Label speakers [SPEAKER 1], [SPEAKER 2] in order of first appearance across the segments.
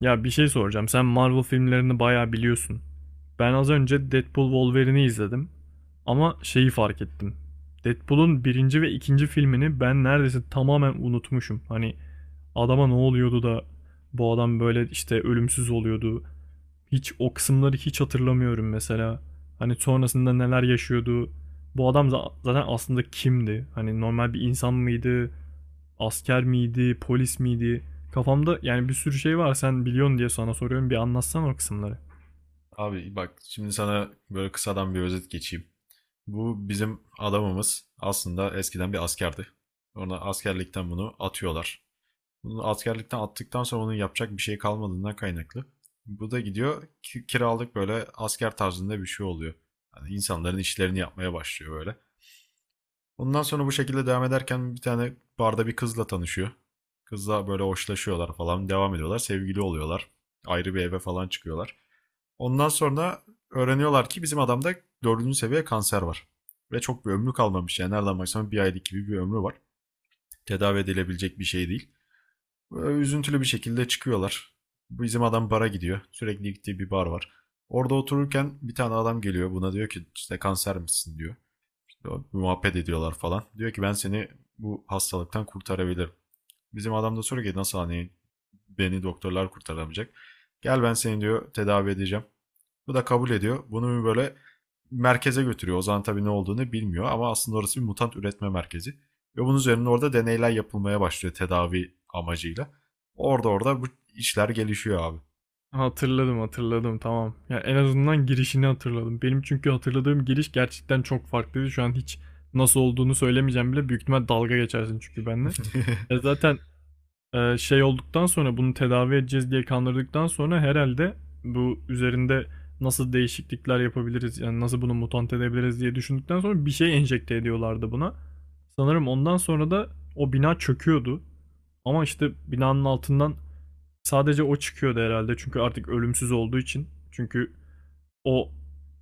[SPEAKER 1] Ya bir şey soracağım. Sen Marvel filmlerini bayağı biliyorsun. Ben az önce Deadpool Wolverine'i izledim. Ama şeyi fark ettim. Deadpool'un birinci ve ikinci filmini ben neredeyse tamamen unutmuşum. Hani adama ne oluyordu da bu adam böyle işte ölümsüz oluyordu. Hiç o kısımları hiç hatırlamıyorum mesela. Hani sonrasında neler yaşıyordu. Bu adam zaten aslında kimdi? Hani normal bir insan mıydı? Asker miydi, polis miydi? Kafamda yani bir sürü şey var. Sen biliyorsun diye sana soruyorum. Bir anlatsana o kısımları.
[SPEAKER 2] Abi bak şimdi sana böyle kısadan bir özet geçeyim. Bu bizim adamımız aslında eskiden bir askerdi. Ona askerlikten bunu atıyorlar. Bunu askerlikten attıktan sonra onun yapacak bir şey kalmadığından kaynaklı. Bu da gidiyor kiralık böyle asker tarzında bir şey oluyor. Yani insanların işlerini yapmaya başlıyor böyle. Ondan sonra bu şekilde devam ederken bir tane barda bir kızla tanışıyor. Kızla böyle hoşlaşıyorlar falan devam ediyorlar. Sevgili oluyorlar. Ayrı bir eve falan çıkıyorlar. Ondan sonra öğreniyorlar ki bizim adamda dördüncü seviye kanser var. Ve çok bir ömrü kalmamış. Yani nereden baksan bir aylık gibi bir ömrü var. Tedavi edilebilecek bir şey değil. Böyle üzüntülü bir şekilde çıkıyorlar. Bizim adam bara gidiyor. Sürekli gittiği bir bar var. Orada otururken bir tane adam geliyor. Buna diyor ki işte kanser misin diyor. İşte muhabbet ediyorlar falan. Diyor ki ben seni bu hastalıktan kurtarabilirim. Bizim adam da soruyor ki nasıl hani beni doktorlar kurtaramayacak. Gel ben seni diyor tedavi edeceğim. Bu da kabul ediyor. Bunu bir böyle merkeze götürüyor. Ozan tabii ne olduğunu bilmiyor ama aslında orası bir mutant üretme merkezi. Ve bunun üzerine orada deneyler yapılmaya başlıyor tedavi amacıyla. Orada bu işler gelişiyor abi.
[SPEAKER 1] Hatırladım, hatırladım. Tamam. Yani en azından girişini hatırladım. Benim çünkü hatırladığım giriş gerçekten çok farklıydı. Şu an hiç nasıl olduğunu söylemeyeceğim bile. Büyük ihtimal dalga geçersin çünkü benimle. E zaten şey olduktan sonra bunu tedavi edeceğiz diye kandırdıktan sonra herhalde bu üzerinde nasıl değişiklikler yapabiliriz yani nasıl bunu mutant edebiliriz diye düşündükten sonra bir şey enjekte ediyorlardı buna. Sanırım ondan sonra da o bina çöküyordu. Ama işte binanın altından sadece o çıkıyordu herhalde çünkü artık ölümsüz olduğu için. Çünkü o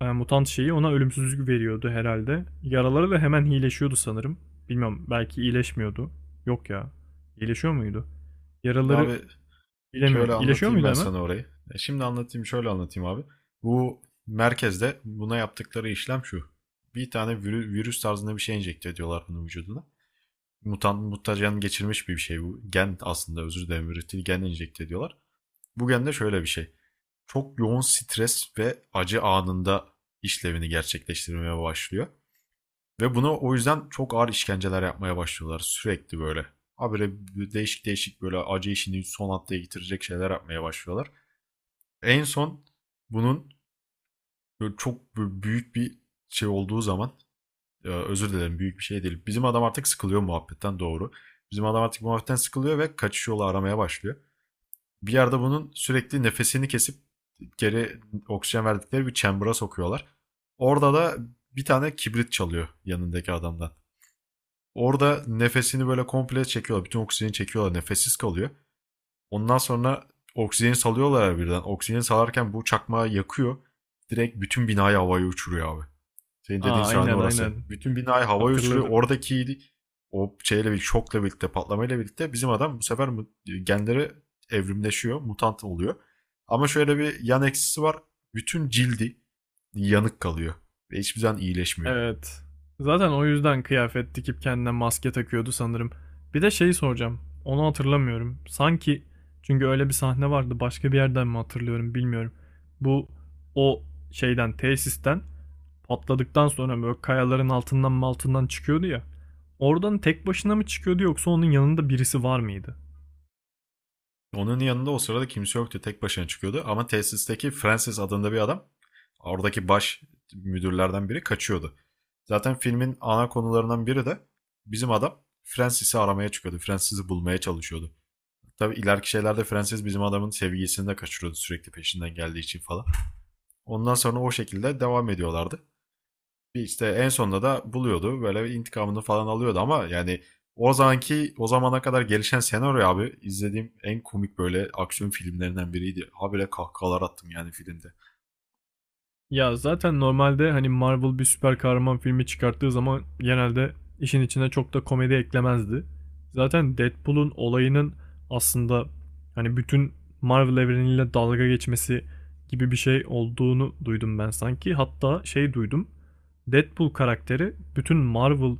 [SPEAKER 1] mutant şeyi ona ölümsüzlük veriyordu herhalde. Yaraları da hemen iyileşiyordu sanırım. Bilmiyorum, belki iyileşmiyordu. Yok ya. İyileşiyor muydu?
[SPEAKER 2] Şimdi
[SPEAKER 1] Yaraları
[SPEAKER 2] abi şöyle
[SPEAKER 1] bilemiyorum. İyileşiyor
[SPEAKER 2] anlatayım
[SPEAKER 1] muydu
[SPEAKER 2] ben
[SPEAKER 1] hemen?
[SPEAKER 2] sana orayı. Şimdi şöyle anlatayım abi. Bu merkezde buna yaptıkları işlem şu. Bir tane virüs tarzında bir şey enjekte ediyorlar bunun vücuduna. Mutant mutajen geçirmiş bir şey bu. Gen aslında özür dilerim üretil gen enjekte ediyorlar. Bugün de şöyle bir şey. Çok yoğun stres ve acı anında işlevini gerçekleştirmeye başlıyor. Ve bunu o yüzden çok ağır işkenceler yapmaya başlıyorlar sürekli böyle. Habire değişik değişik böyle acı işini son haftaya getirecek şeyler yapmaya başlıyorlar. En son bunun çok büyük bir şey olduğu zaman özür dilerim büyük bir şey değil. Bizim adam artık sıkılıyor muhabbetten doğru. Bizim adam artık muhabbetten sıkılıyor ve kaçış yolu aramaya başlıyor. Bir yerde bunun sürekli nefesini kesip geri oksijen verdikleri bir chamber'a sokuyorlar. Orada da bir tane kibrit çalıyor yanındaki adamdan. Orada nefesini böyle komple çekiyorlar. Bütün oksijeni çekiyorlar. Nefessiz kalıyor. Ondan sonra oksijeni salıyorlar birden. Oksijeni salarken bu çakmağı yakıyor. Direkt bütün binayı havaya uçuruyor abi. Senin dediğin
[SPEAKER 1] Aa
[SPEAKER 2] sahne
[SPEAKER 1] aynen
[SPEAKER 2] orası.
[SPEAKER 1] aynen.
[SPEAKER 2] Bütün binayı havaya uçuruyor.
[SPEAKER 1] Hatırladım.
[SPEAKER 2] Oradaki o şeyle bir şokla birlikte, patlamayla birlikte bizim adam bu sefer genleri evrimleşiyor, mutant oluyor. Ama şöyle bir yan eksisi var. Bütün cildi yanık kalıyor ve hiçbir zaman iyileşmiyor.
[SPEAKER 1] Evet. Zaten o yüzden kıyafet dikip kendine maske takıyordu sanırım. Bir de şeyi soracağım. Onu hatırlamıyorum. Sanki çünkü öyle bir sahne vardı. Başka bir yerden mi hatırlıyorum bilmiyorum. Bu o şeyden, tesisten patladıktan sonra böyle kayaların altından mı altından çıkıyordu ya. Oradan tek başına mı çıkıyordu, yoksa onun yanında birisi var mıydı?
[SPEAKER 2] Onun yanında o sırada kimse yoktu. Tek başına çıkıyordu. Ama tesisteki Francis adında bir adam oradaki baş müdürlerden biri kaçıyordu. Zaten filmin ana konularından biri de bizim adam Francis'i aramaya çıkıyordu. Francis'i bulmaya çalışıyordu. Tabii ileriki şeylerde Frances bizim adamın sevgisini de kaçırıyordu sürekli peşinden geldiği için falan. Ondan sonra o şekilde devam ediyorlardı. İşte en sonunda da buluyordu. Böyle intikamını falan alıyordu ama yani o zamana kadar gelişen senaryo abi izlediğim en komik böyle aksiyon filmlerinden biriydi. Habire kahkahalar attım yani filmde.
[SPEAKER 1] Ya zaten normalde hani Marvel bir süper kahraman filmi çıkarttığı zaman genelde işin içine çok da komedi eklemezdi. Zaten Deadpool'un olayının aslında hani bütün Marvel evreniyle dalga geçmesi gibi bir şey olduğunu duydum ben sanki. Hatta şey duydum. Deadpool karakteri bütün Marvel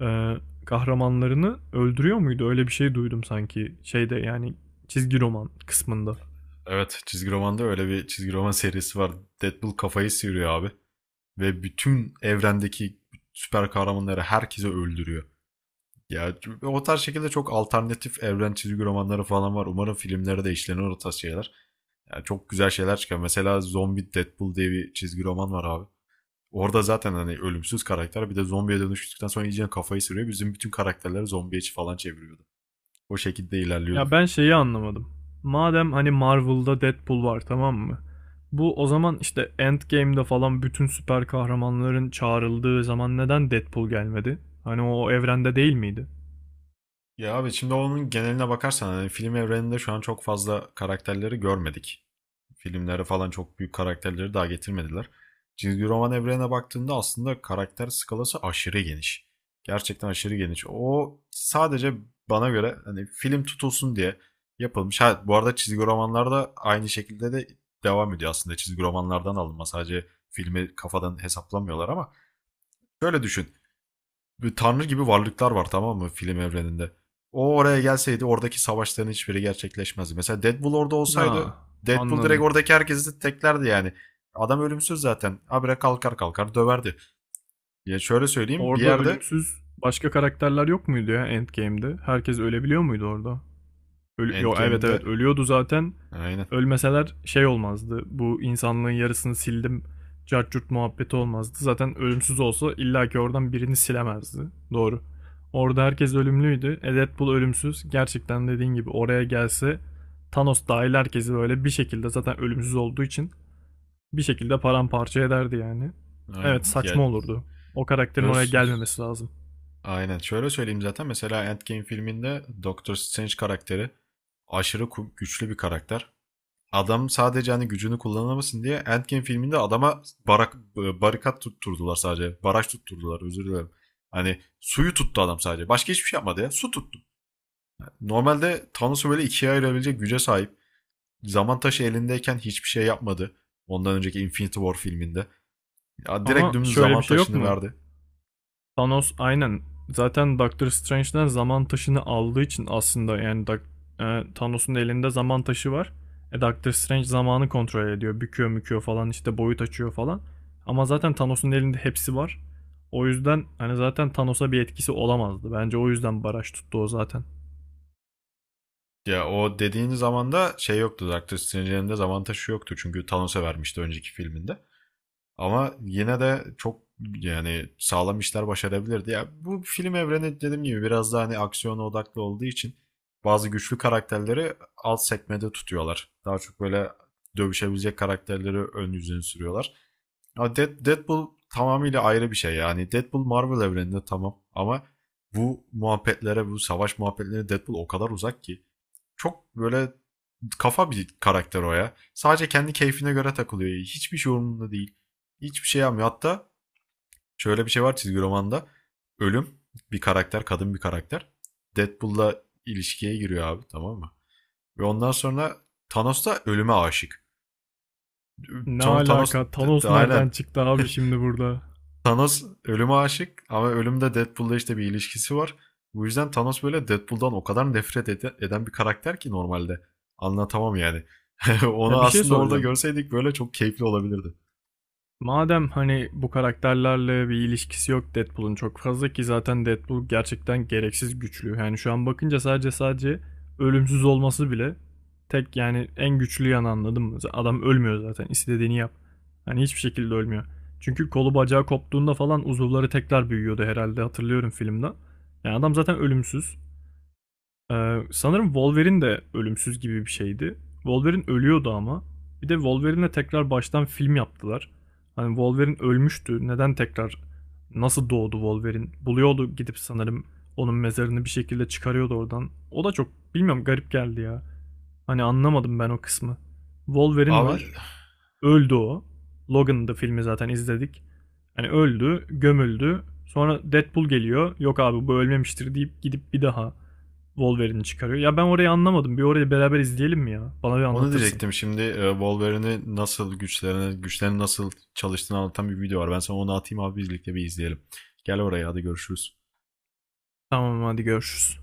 [SPEAKER 1] e, kahramanlarını öldürüyor muydu? Öyle bir şey duydum sanki şeyde, yani çizgi roman kısmında.
[SPEAKER 2] Evet çizgi romanda öyle bir çizgi roman serisi var. Deadpool kafayı sıyırıyor abi. Ve bütün evrendeki süper kahramanları herkese öldürüyor. Ya o tarz şekilde çok alternatif evren çizgi romanları falan var. Umarım filmlere de işlenir o tarz şeyler. Yani çok güzel şeyler çıkar. Mesela Zombie Deadpool diye bir çizgi roman var abi. Orada zaten hani ölümsüz karakter bir de zombiye dönüştükten sonra iyice kafayı sürüyor. Bizim bütün karakterleri zombiye falan çeviriyordu. O şekilde ilerliyordu.
[SPEAKER 1] Ya ben şeyi anlamadım. Madem hani Marvel'da Deadpool var, tamam mı? Bu o zaman işte Endgame'de falan bütün süper kahramanların çağrıldığı zaman neden Deadpool gelmedi? Hani o evrende değil miydi?
[SPEAKER 2] Ya abi şimdi onun geneline bakarsan hani film evreninde şu an çok fazla karakterleri görmedik. Filmlere falan çok büyük karakterleri daha getirmediler. Çizgi roman evrenine baktığında aslında karakter skalası aşırı geniş. Gerçekten aşırı geniş. O sadece bana göre hani film tutulsun diye yapılmış. Ha, bu arada çizgi romanlarda aynı şekilde de devam ediyor aslında. Çizgi romanlardan alınma sadece filmi kafadan hesaplamıyorlar ama şöyle düşün bir tanrı gibi varlıklar var tamam mı film evreninde. O oraya gelseydi oradaki savaşların hiçbiri gerçekleşmezdi. Mesela Deadpool orada
[SPEAKER 1] Ha,
[SPEAKER 2] olsaydı Deadpool direkt
[SPEAKER 1] anladım.
[SPEAKER 2] oradaki herkesi teklerdi yani. Adam ölümsüz zaten. Habire kalkar kalkar döverdi. Ya şöyle söyleyeyim bir
[SPEAKER 1] Orada
[SPEAKER 2] yerde
[SPEAKER 1] ölümsüz başka karakterler yok muydu ya Endgame'de? Herkes ölebiliyor muydu orada? Yok, evet
[SPEAKER 2] Endgame'de,
[SPEAKER 1] evet, ölüyordu zaten.
[SPEAKER 2] aynen
[SPEAKER 1] Ölmeseler şey olmazdı. Bu insanlığın yarısını sildim. Cart curt muhabbeti olmazdı. Zaten ölümsüz olsa illaki oradan birini silemezdi. Doğru. Orada herkes ölümlüydü. E, Deadpool ölümsüz. Gerçekten dediğin gibi oraya gelse Thanos dahil herkesi böyle bir şekilde zaten ölümsüz olduğu için bir şekilde paramparça ederdi yani. Evet,
[SPEAKER 2] aynen
[SPEAKER 1] saçma
[SPEAKER 2] ya.
[SPEAKER 1] olurdu. O karakterin oraya
[SPEAKER 2] Söz,
[SPEAKER 1] gelmemesi lazım.
[SPEAKER 2] aynen şöyle söyleyeyim zaten mesela Endgame filminde Doctor Strange karakteri aşırı güçlü bir karakter. Adam sadece hani gücünü kullanamasın diye Endgame filminde adama barikat tutturdular sadece. Baraj tutturdular özür dilerim. Hani suyu tuttu adam sadece. Başka hiçbir şey yapmadı ya. Su tuttu. Normalde Thanos'u böyle ikiye ayırabilecek güce sahip. Zaman taşı elindeyken hiçbir şey yapmadı. Ondan önceki Infinity War filminde. Ya direkt
[SPEAKER 1] Ama
[SPEAKER 2] dümdüz
[SPEAKER 1] şöyle bir
[SPEAKER 2] zaman
[SPEAKER 1] şey yok
[SPEAKER 2] taşını
[SPEAKER 1] mu?
[SPEAKER 2] verdi.
[SPEAKER 1] Thanos aynen. Zaten Doctor Strange'den zaman taşını aldığı için aslında yani Thanos'un elinde zaman taşı var. E, Doctor Strange zamanı kontrol ediyor. Büküyor müküyor falan işte boyut açıyor falan. Ama zaten Thanos'un elinde hepsi var. O yüzden hani zaten Thanos'a bir etkisi olamazdı. Bence o yüzden baraj tuttu o zaten.
[SPEAKER 2] Ya o dediğin zamanda şey yoktu. Doctor Strange'in elinde zaman taşı yoktu. Çünkü Thanos'a vermişti önceki filminde. Ama yine de çok yani sağlam işler başarabilirdi. Ya bu film evreni dediğim gibi biraz daha hani aksiyona odaklı olduğu için bazı güçlü karakterleri alt sekmede tutuyorlar. Daha çok böyle dövüşebilecek karakterleri ön yüzüne sürüyorlar. Ama Deadpool tamamıyla ayrı bir şey yani. Deadpool Marvel evreninde tamam ama bu muhabbetlere, bu savaş muhabbetlerine Deadpool o kadar uzak ki. Çok böyle kafa bir karakter o ya. Sadece kendi keyfine göre takılıyor. Hiçbir şey umurunda değil. Hiçbir şey yapmıyor. Hatta şöyle bir şey var çizgi romanda. Ölüm bir karakter, kadın bir karakter. Deadpool'la ilişkiye giriyor abi tamam mı? Ve ondan sonra Thanos da ölüme aşık.
[SPEAKER 1] Ne
[SPEAKER 2] Sonra Thanos
[SPEAKER 1] alaka? Thanos
[SPEAKER 2] aynen
[SPEAKER 1] nereden çıktı abi şimdi burada?
[SPEAKER 2] Thanos ölüme aşık ama ölümde Deadpool'la işte bir ilişkisi var. Bu yüzden Thanos böyle Deadpool'dan o kadar nefret eden bir karakter ki normalde. Anlatamam yani. Onu
[SPEAKER 1] Ya bir şey
[SPEAKER 2] aslında orada
[SPEAKER 1] soracağım.
[SPEAKER 2] görseydik böyle çok keyifli olabilirdi.
[SPEAKER 1] Madem hani bu karakterlerle bir ilişkisi yok Deadpool'un çok fazla ki zaten Deadpool gerçekten gereksiz güçlü. Yani şu an bakınca sadece ölümsüz olması bile tek yani en güçlü yanı, anladın mı? Adam ölmüyor zaten, istediğini yap. Hani hiçbir şekilde ölmüyor. Çünkü kolu bacağı koptuğunda falan uzuvları tekrar büyüyordu herhalde, hatırlıyorum filmden. Yani adam zaten ölümsüz. Sanırım Wolverine de ölümsüz gibi bir şeydi. Wolverine ölüyordu ama. Bir de Wolverine'le tekrar baştan film yaptılar. Hani Wolverine ölmüştü. Neden tekrar nasıl doğdu Wolverine? Buluyordu, gidip sanırım onun mezarını bir şekilde çıkarıyordu oradan. O da çok, bilmiyorum, garip geldi ya. Hani anlamadım ben o kısmı. Wolverine
[SPEAKER 2] Abi
[SPEAKER 1] var. Öldü o. Logan'dı filmi, zaten izledik. Hani öldü, gömüldü. Sonra Deadpool geliyor. Yok abi bu ölmemiştir deyip gidip bir daha Wolverine'i çıkarıyor. Ya ben orayı anlamadım. Bir orayı beraber izleyelim mi ya? Bana bir
[SPEAKER 2] onu
[SPEAKER 1] anlatırsın.
[SPEAKER 2] diyecektim şimdi Wolverine'i nasıl güçlerini nasıl çalıştığını anlatan bir video var. Ben sana onu atayım abi birlikte bir izleyelim. Gel oraya hadi görüşürüz.
[SPEAKER 1] Tamam, hadi görüşürüz.